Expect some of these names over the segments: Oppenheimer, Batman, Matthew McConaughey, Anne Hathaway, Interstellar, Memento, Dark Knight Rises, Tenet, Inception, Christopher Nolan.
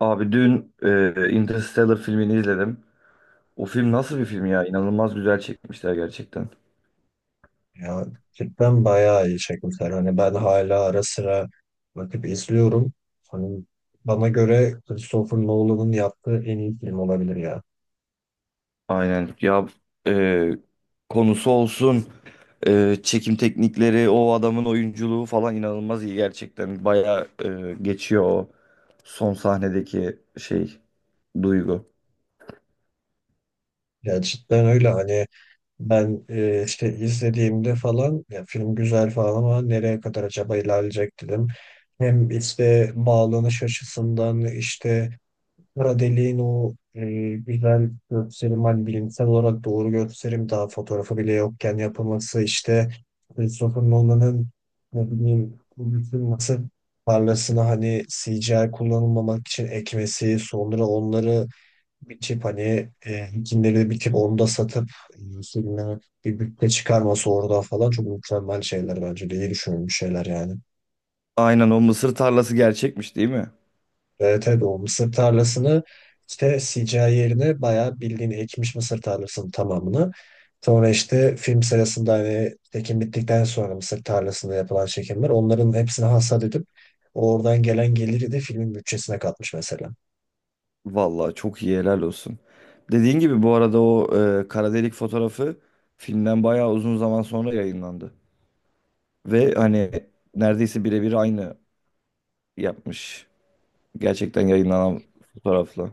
Abi dün Interstellar filmini izledim. O film nasıl bir film ya? İnanılmaz güzel çekmişler gerçekten. Ya cidden bayağı iyi çekmişler. Hani ben hala ara sıra bakıp izliyorum. Hani bana göre Christopher Nolan'ın yaptığı en iyi film olabilir ya. Aynen ya, e, konusu olsun, çekim teknikleri, o adamın oyunculuğu falan inanılmaz iyi gerçekten. Bayağı geçiyor o son sahnedeki şey, duygu. Ya cidden öyle hani ben işte izlediğimde falan ya film güzel falan ama nereye kadar acaba ilerleyecek dedim. Hem işte bağlanış açısından işte kara deliğin o güzel gösterim, hani bilimsel olarak doğru gösterim daha fotoğrafı bile yokken yapılması, işte Christopher Nolan'ın ne bileyim bu bütün nasıl parlasını hani CGI kullanılmamak için ekmesi, sonra onları biçip hani ikinleri biçip onu da satıp e, filme bir bütçe çıkarması orada falan çok mükemmel şeyler, bence de iyi düşünülmüş şeyler yani. Aynen, o mısır tarlası gerçekmiş değil mi? Evet, tabii o mısır tarlasını işte sikaye yerine bayağı bildiğin ekmiş, mısır tarlasının tamamını. Sonra işte film sırasında hani çekim bittikten sonra mısır tarlasında yapılan çekimler, onların hepsini hasat edip oradan gelen geliri de filmin bütçesine katmış mesela. Vallahi çok iyi, helal olsun. Dediğin gibi bu arada o kara delik fotoğrafı filmden bayağı uzun zaman sonra yayınlandı. Ve hani neredeyse birebir aynı yapmış. Gerçekten yayınlanan fotoğrafla.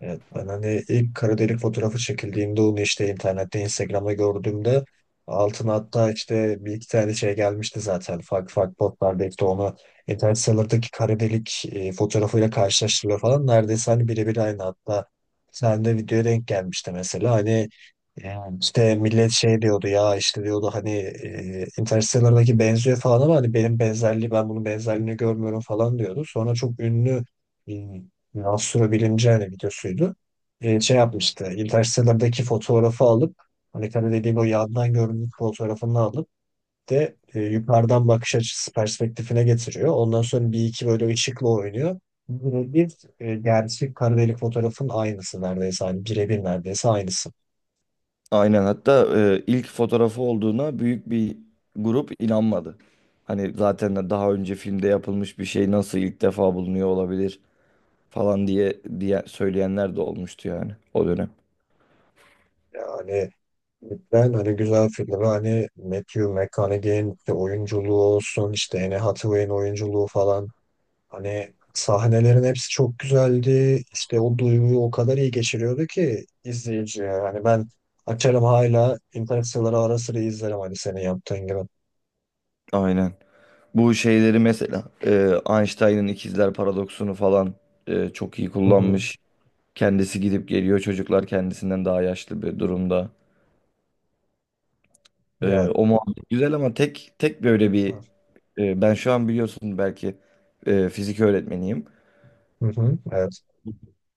Evet, ben hani ilk kara delik fotoğrafı çekildiğinde onu işte internette Instagram'da gördüğümde altına hatta işte bir iki tane şey gelmişti zaten, farklı farklı botlarda işte onu internet sitelerindeki kara delik fotoğrafıyla karşılaştırıyor falan, neredeyse hani birebir aynı, hatta sen de videoya denk gelmişti mesela. Hani yani işte millet şey diyordu ya, işte diyordu hani Interstellar'daki benziyor falan, ama hani ben bunun benzerliğini görmüyorum falan diyordu. Sonra çok ünlü astrobilimci hani videosuydu. Şey yapmıştı. Interstellar'daki fotoğrafı alıp, hani tabii dediğim o yandan görüntü fotoğrafını alıp de yukarıdan bakış açısı perspektifine getiriyor. Ondan sonra bir iki böyle ışıkla oynuyor. Bu bir gerçek kara delik fotoğrafın aynısı neredeyse. Hani birebir neredeyse aynısı. Aynen, hatta ilk fotoğrafı olduğuna büyük bir grup inanmadı. Hani zaten de daha önce filmde yapılmış bir şey nasıl ilk defa bulunuyor olabilir falan diye söyleyenler de olmuştu yani o dönem. Yani ben hani güzel filmi, hani Matthew McConaughey'in işte oyunculuğu olsun, işte Anne Hathaway'in oyunculuğu falan, hani sahnelerin hepsi çok güzeldi. İşte o duyguyu o kadar iyi geçiriyordu ki izleyiciye. Hani ben açarım hala Interstellar'ı ara sıra izlerim, hani senin yaptığın gibi. Aynen. Bu şeyleri mesela Einstein'ın ikizler paradoksunu falan çok iyi Hı hı. kullanmış. Kendisi gidip geliyor. Çocuklar kendisinden daha yaşlı bir durumda. Ya O muhabbet güzel ama tek tek böyle bir ben şu an biliyorsun belki fizik öğretmeniyim. hı hı. Evet.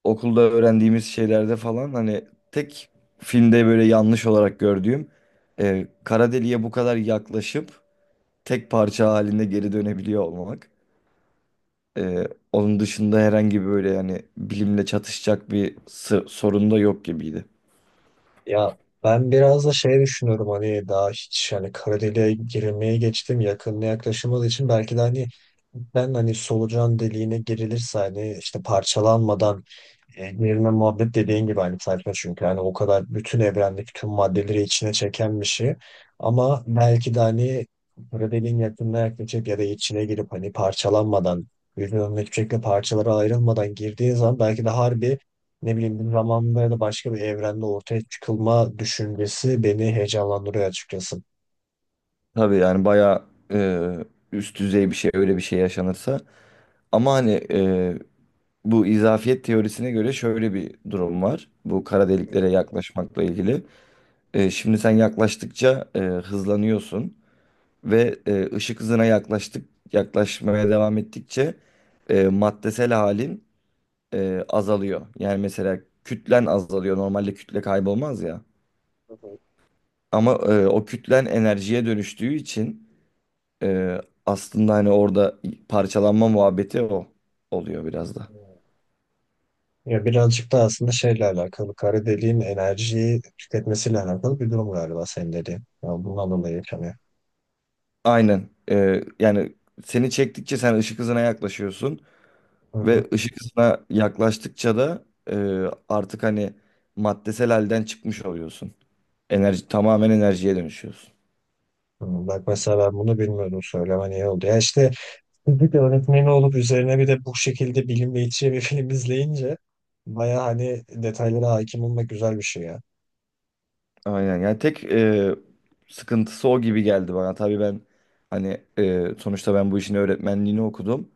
Okulda öğrendiğimiz şeylerde falan hani tek filmde böyle yanlış olarak gördüğüm, kara deliğe bu kadar yaklaşıp tek parça halinde geri dönebiliyor olmak. Onun dışında herhangi böyle yani bilimle çatışacak bir sorun da yok gibiydi. Ya ben biraz da şey düşünüyorum, hani daha hiç hani kara deliğe girilmeye, geçtim yakınına yaklaşılmadığı için belki de hani, ben hani solucan deliğine girilirse hani işte parçalanmadan, evrenle muhabbet dediğin gibi aynı sayfa, çünkü yani o kadar bütün evrendeki tüm maddeleri içine çeken bir şey, ama belki de hani böyle dediğin yakınına yaklaşıp ya da içine girip hani parçalanmadan, birbirinden hiçbir şekilde parçalara ayrılmadan girdiği zaman, belki de harbi ne bileyim bir zamanda ya da başka bir evrende ortaya çıkılma düşüncesi beni heyecanlandırıyor açıkçası. Tabii yani bayağı e, üst düzey bir şey öyle bir şey yaşanırsa. Ama hani bu izafiyet teorisine göre şöyle bir durum var. Bu kara deliklere yaklaşmakla ilgili. Şimdi sen yaklaştıkça hızlanıyorsun ve ışık hızına yaklaştık yaklaşmaya devam ettikçe maddesel halin azalıyor. Yani mesela kütlen azalıyor. Normalde kütle kaybolmaz ya. Hı hı. Ama o kütlen enerjiye dönüştüğü için e, aslında hani orada parçalanma muhabbeti o oluyor biraz da. Ya birazcık da aslında şeyle alakalı, kara deliğin enerjiyi tüketmesiyle alakalı bir durum galiba senin dediğin. Ya bundan dolayı yaşanıyor. Aynen. Yani seni çektikçe sen ışık hızına yaklaşıyorsun Hı ve hı. ışık hızına yaklaştıkça da e, artık hani maddesel halden çıkmış oluyorsun. Enerji, tamamen enerjiye dönüşüyorsun. Hı, bak mesela ben bunu bilmiyordum, söylemen iyi oldu. Ya işte fizik öğretmeni olup üzerine bir de bu şekilde bilim iç içe bir film izleyince, baya hani detaylara hakim olmak güzel bir şey ya. Aynen yani tek sıkıntısı o gibi geldi bana. Tabii ben hani, sonuçta ben bu işin öğretmenliğini okudum.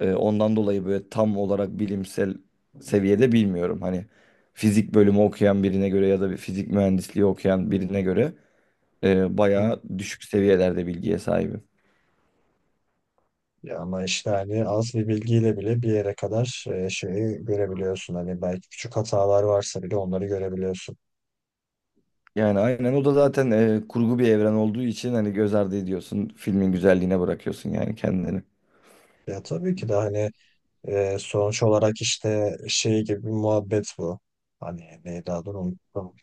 Ondan dolayı böyle tam olarak bilimsel seviyede bilmiyorum. Hani fizik bölümü okuyan birine göre ya da bir fizik mühendisliği okuyan birine göre bayağı düşük seviyelerde bilgiye sahibim. Ya ama işte hani az bir bilgiyle bile bir yere kadar şeyi görebiliyorsun. Hani belki küçük hatalar varsa bile onları görebiliyorsun. Yani aynen, o da zaten kurgu bir evren olduğu için hani göz ardı ediyorsun. Filmin güzelliğine bırakıyorsun yani kendini. Ya tabii ki de hani sonuç olarak işte şey gibi bir muhabbet bu. Hani neydi adını unuttum.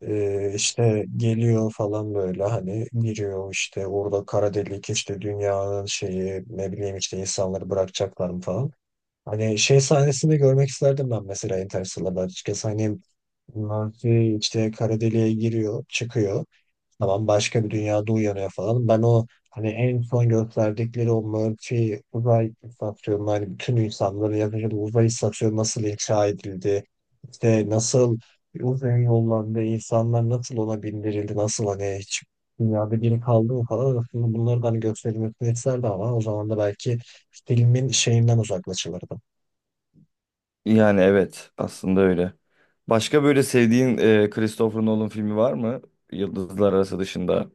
İşte geliyor falan böyle, hani giriyor işte orada kara delik, işte dünyanın şeyi ne bileyim, işte insanları bırakacaklar mı falan. Hani şey sahnesini görmek isterdim ben mesela Interstellar'da açıkçası. Hani bunlar şey işte kara deliğe giriyor, çıkıyor. Tamam başka bir dünyada uyanıyor falan. Ben o hani en son gösterdikleri o Murphy uzay istasyonu, hani bütün insanların yaşadığı uzay istasyonu nasıl inşa edildi? İşte nasıl uzay yollarında insanlar nasıl ona bindirildi? Nasıl hani hiç dünyada biri kaldı mı falan. Aslında bunları da hani gösterilmesini isterdi, ama o zaman da belki filmin şeyinden uzaklaşılırdı. Yani evet, aslında öyle. Başka böyle sevdiğin Christopher Nolan filmi var mı? Yıldızlar Arası dışında.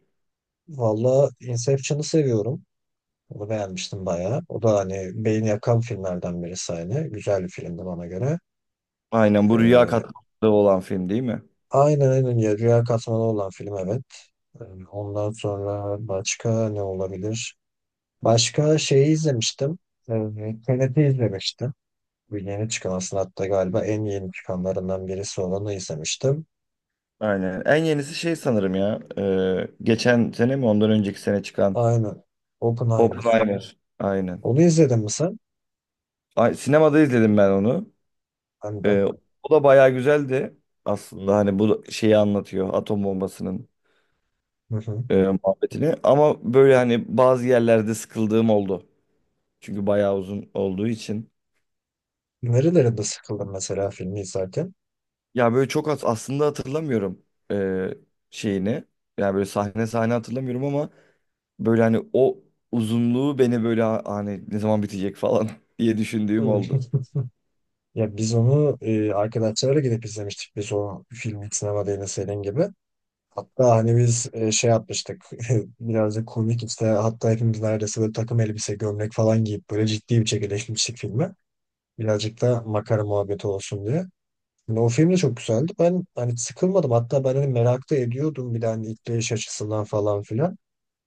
Valla Inception'ı seviyorum. Onu beğenmiştim bayağı. O da hani beyin yakan filmlerden birisi hani. Güzel bir filmdi bana göre. Aynen, bu rüya Ee, katmanında olan film değil mi? aynen aynen ya, Rüya Katmanı olan film, evet. Ee, Ondan sonra başka ne olabilir? Başka şeyi izlemiştim. Tenet'i izlemiştim. Bu yeni çıkan, aslında hatta galiba en yeni çıkanlarından birisi olanı izlemiştim. Aynen. En yenisi şey sanırım ya, geçen sene mi ondan önceki sene çıkan Aynen. Oppenheimer. Oppenheimer. Aynen. Onu izledin mi sen? Ay, sinemada izledim ben onu. Ben de. E, O da bayağı güzeldi aslında. Hani bu şeyi anlatıyor, atom bombasının Hı hı. e, muhabbetini. Ama böyle hani bazı yerlerde sıkıldığım oldu. Çünkü bayağı uzun olduğu için. Nerelerinde sıkıldın mesela filmi izlerken? Ya böyle çok az aslında hatırlamıyorum eee, şeyini. Yani böyle sahne sahne hatırlamıyorum ama böyle hani o uzunluğu beni böyle hani ne zaman bitecek falan diye düşündüğüm oldu. Ya biz onu arkadaşlarla gidip izlemiştik. Biz o filmi sinemada, yine senin gibi. Hatta hani biz şey yapmıştık. Birazcık komik işte. Hatta hepimiz neredeyse böyle takım elbise, gömlek falan giyip böyle ciddi bir şekilde işlemiştik filmi. Birazcık da makara muhabbeti olsun diye. Yani o film de çok güzeldi. Ben hani sıkılmadım. Hatta ben hani merak da ediyordum, bir de hani işleyiş açısından falan filan.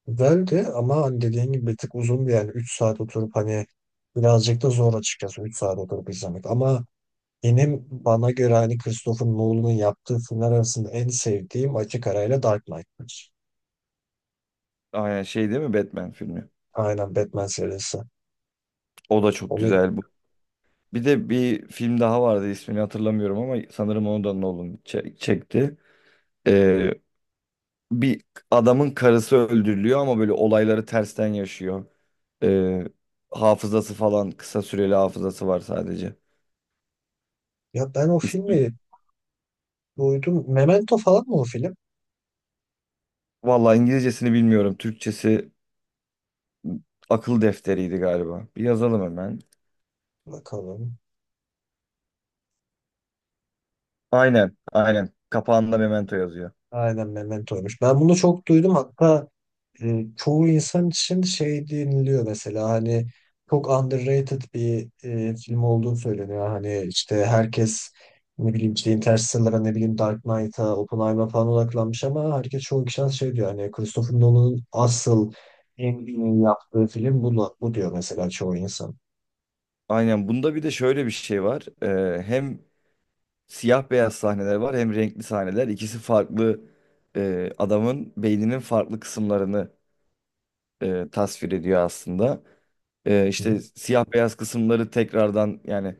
Güzeldi ama hani dediğin gibi bir tık uzundu, yani 3 saat oturup hani, birazcık da zor açıkçası 3 saat oturup izlemek. Ama bana göre hani Christopher Nolan'ın yaptığı filmler arasında en sevdiğim açık arayla Dark Knight'tır. Aynen şey değil mi, Batman filmi? Aynen, Batman serisi. O da çok Onu, güzel bu. Bir de bir film daha vardı, ismini hatırlamıyorum ama sanırım onu da Nolan çekti. Eee, Bir adamın karısı öldürülüyor ama böyle olayları tersten yaşıyor. Eee, Hafızası falan, kısa süreli hafızası var sadece. ya ben o filmi duydum. Memento falan mı o film? Vallahi İngilizcesini bilmiyorum. Türkçesi akıl defteriydi galiba. Bir yazalım hemen. Bakalım. Aynen, aynen. Kapağında Memento yazıyor. Aynen, Memento'ymuş. Ben bunu çok duydum. Hatta çoğu insan için şey deniliyor mesela, hani çok underrated bir film olduğu söyleniyor. Hani işte herkes ne bileyim işte Interstellar'a, ne bileyim Dark Knight'a, Oppenheimer'a falan odaklanmış, ama herkes, çoğu kişi şey diyor, hani Christopher Nolan'ın asıl en iyi yaptığı film bu, bu diyor mesela çoğu insan. Aynen. Bunda bir de şöyle bir şey var. Hem siyah beyaz sahneler var hem renkli sahneler. İkisi farklı, adamın beyninin farklı kısımlarını tasvir ediyor aslında. Hı. İşte siyah beyaz kısımları tekrardan, yani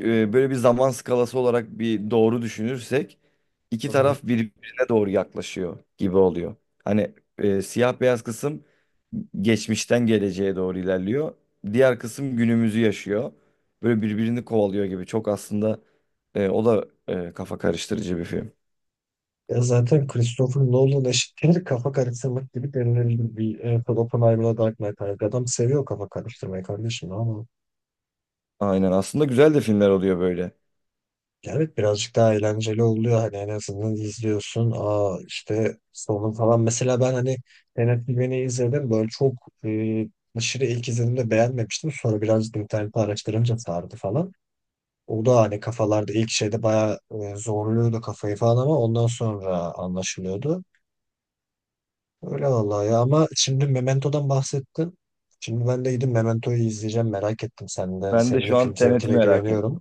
böyle bir zaman skalası olarak bir doğru düşünürsek iki Hı hı. taraf birbirine doğru yaklaşıyor gibi oluyor. Hani siyah beyaz kısım geçmişten geleceğe doğru ilerliyor. Diğer kısım günümüzü yaşıyor. Böyle birbirini kovalıyor gibi. Çok aslında, o da kafa karıştırıcı bir film. Ya zaten Christopher Nolan eşittir kafa karıştırmak gibi denilebilir, bir Oppenheimer'la Dark Knight Rises. Adam seviyor kafa karıştırmayı kardeşim ama, Aynen, aslında güzel de filmler oluyor böyle. ya evet birazcık daha eğlenceli oluyor, hani en azından izliyorsun. Aa işte sonu falan, mesela ben hani Tenet izledim böyle çok e, aşırı, ilk izlediğimde beğenmemiştim, sonra birazcık internette araştırınca sardı falan. O da hani kafalarda ilk şeyde bayağı zorluyordu kafayı falan, ama ondan sonra anlaşılıyordu. Öyle vallahi ya, ama şimdi Memento'dan bahsettin. Şimdi ben de gidip Memento'yu izleyeceğim, merak ettim, sen de. Ben de Senin de şu an film Tenet'i zevkine merak güveniyorum. ettim.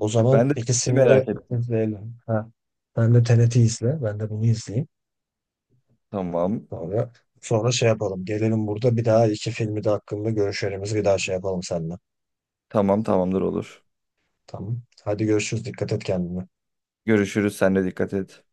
O zaman Ben de Tenet'i ikisini de merak ettim. izleyelim. Ha. Sen de TRT izle. Ben de bunu izleyeyim. Tamam. Sonra sonra şey yapalım. Gelelim burada bir daha, iki filmi de hakkında görüşlerimizi bir daha şey yapalım seninle. Tamam, tamamdır, olur. Tamam. Hadi görüşürüz. Dikkat et kendine. Görüşürüz. Sen de dikkat et.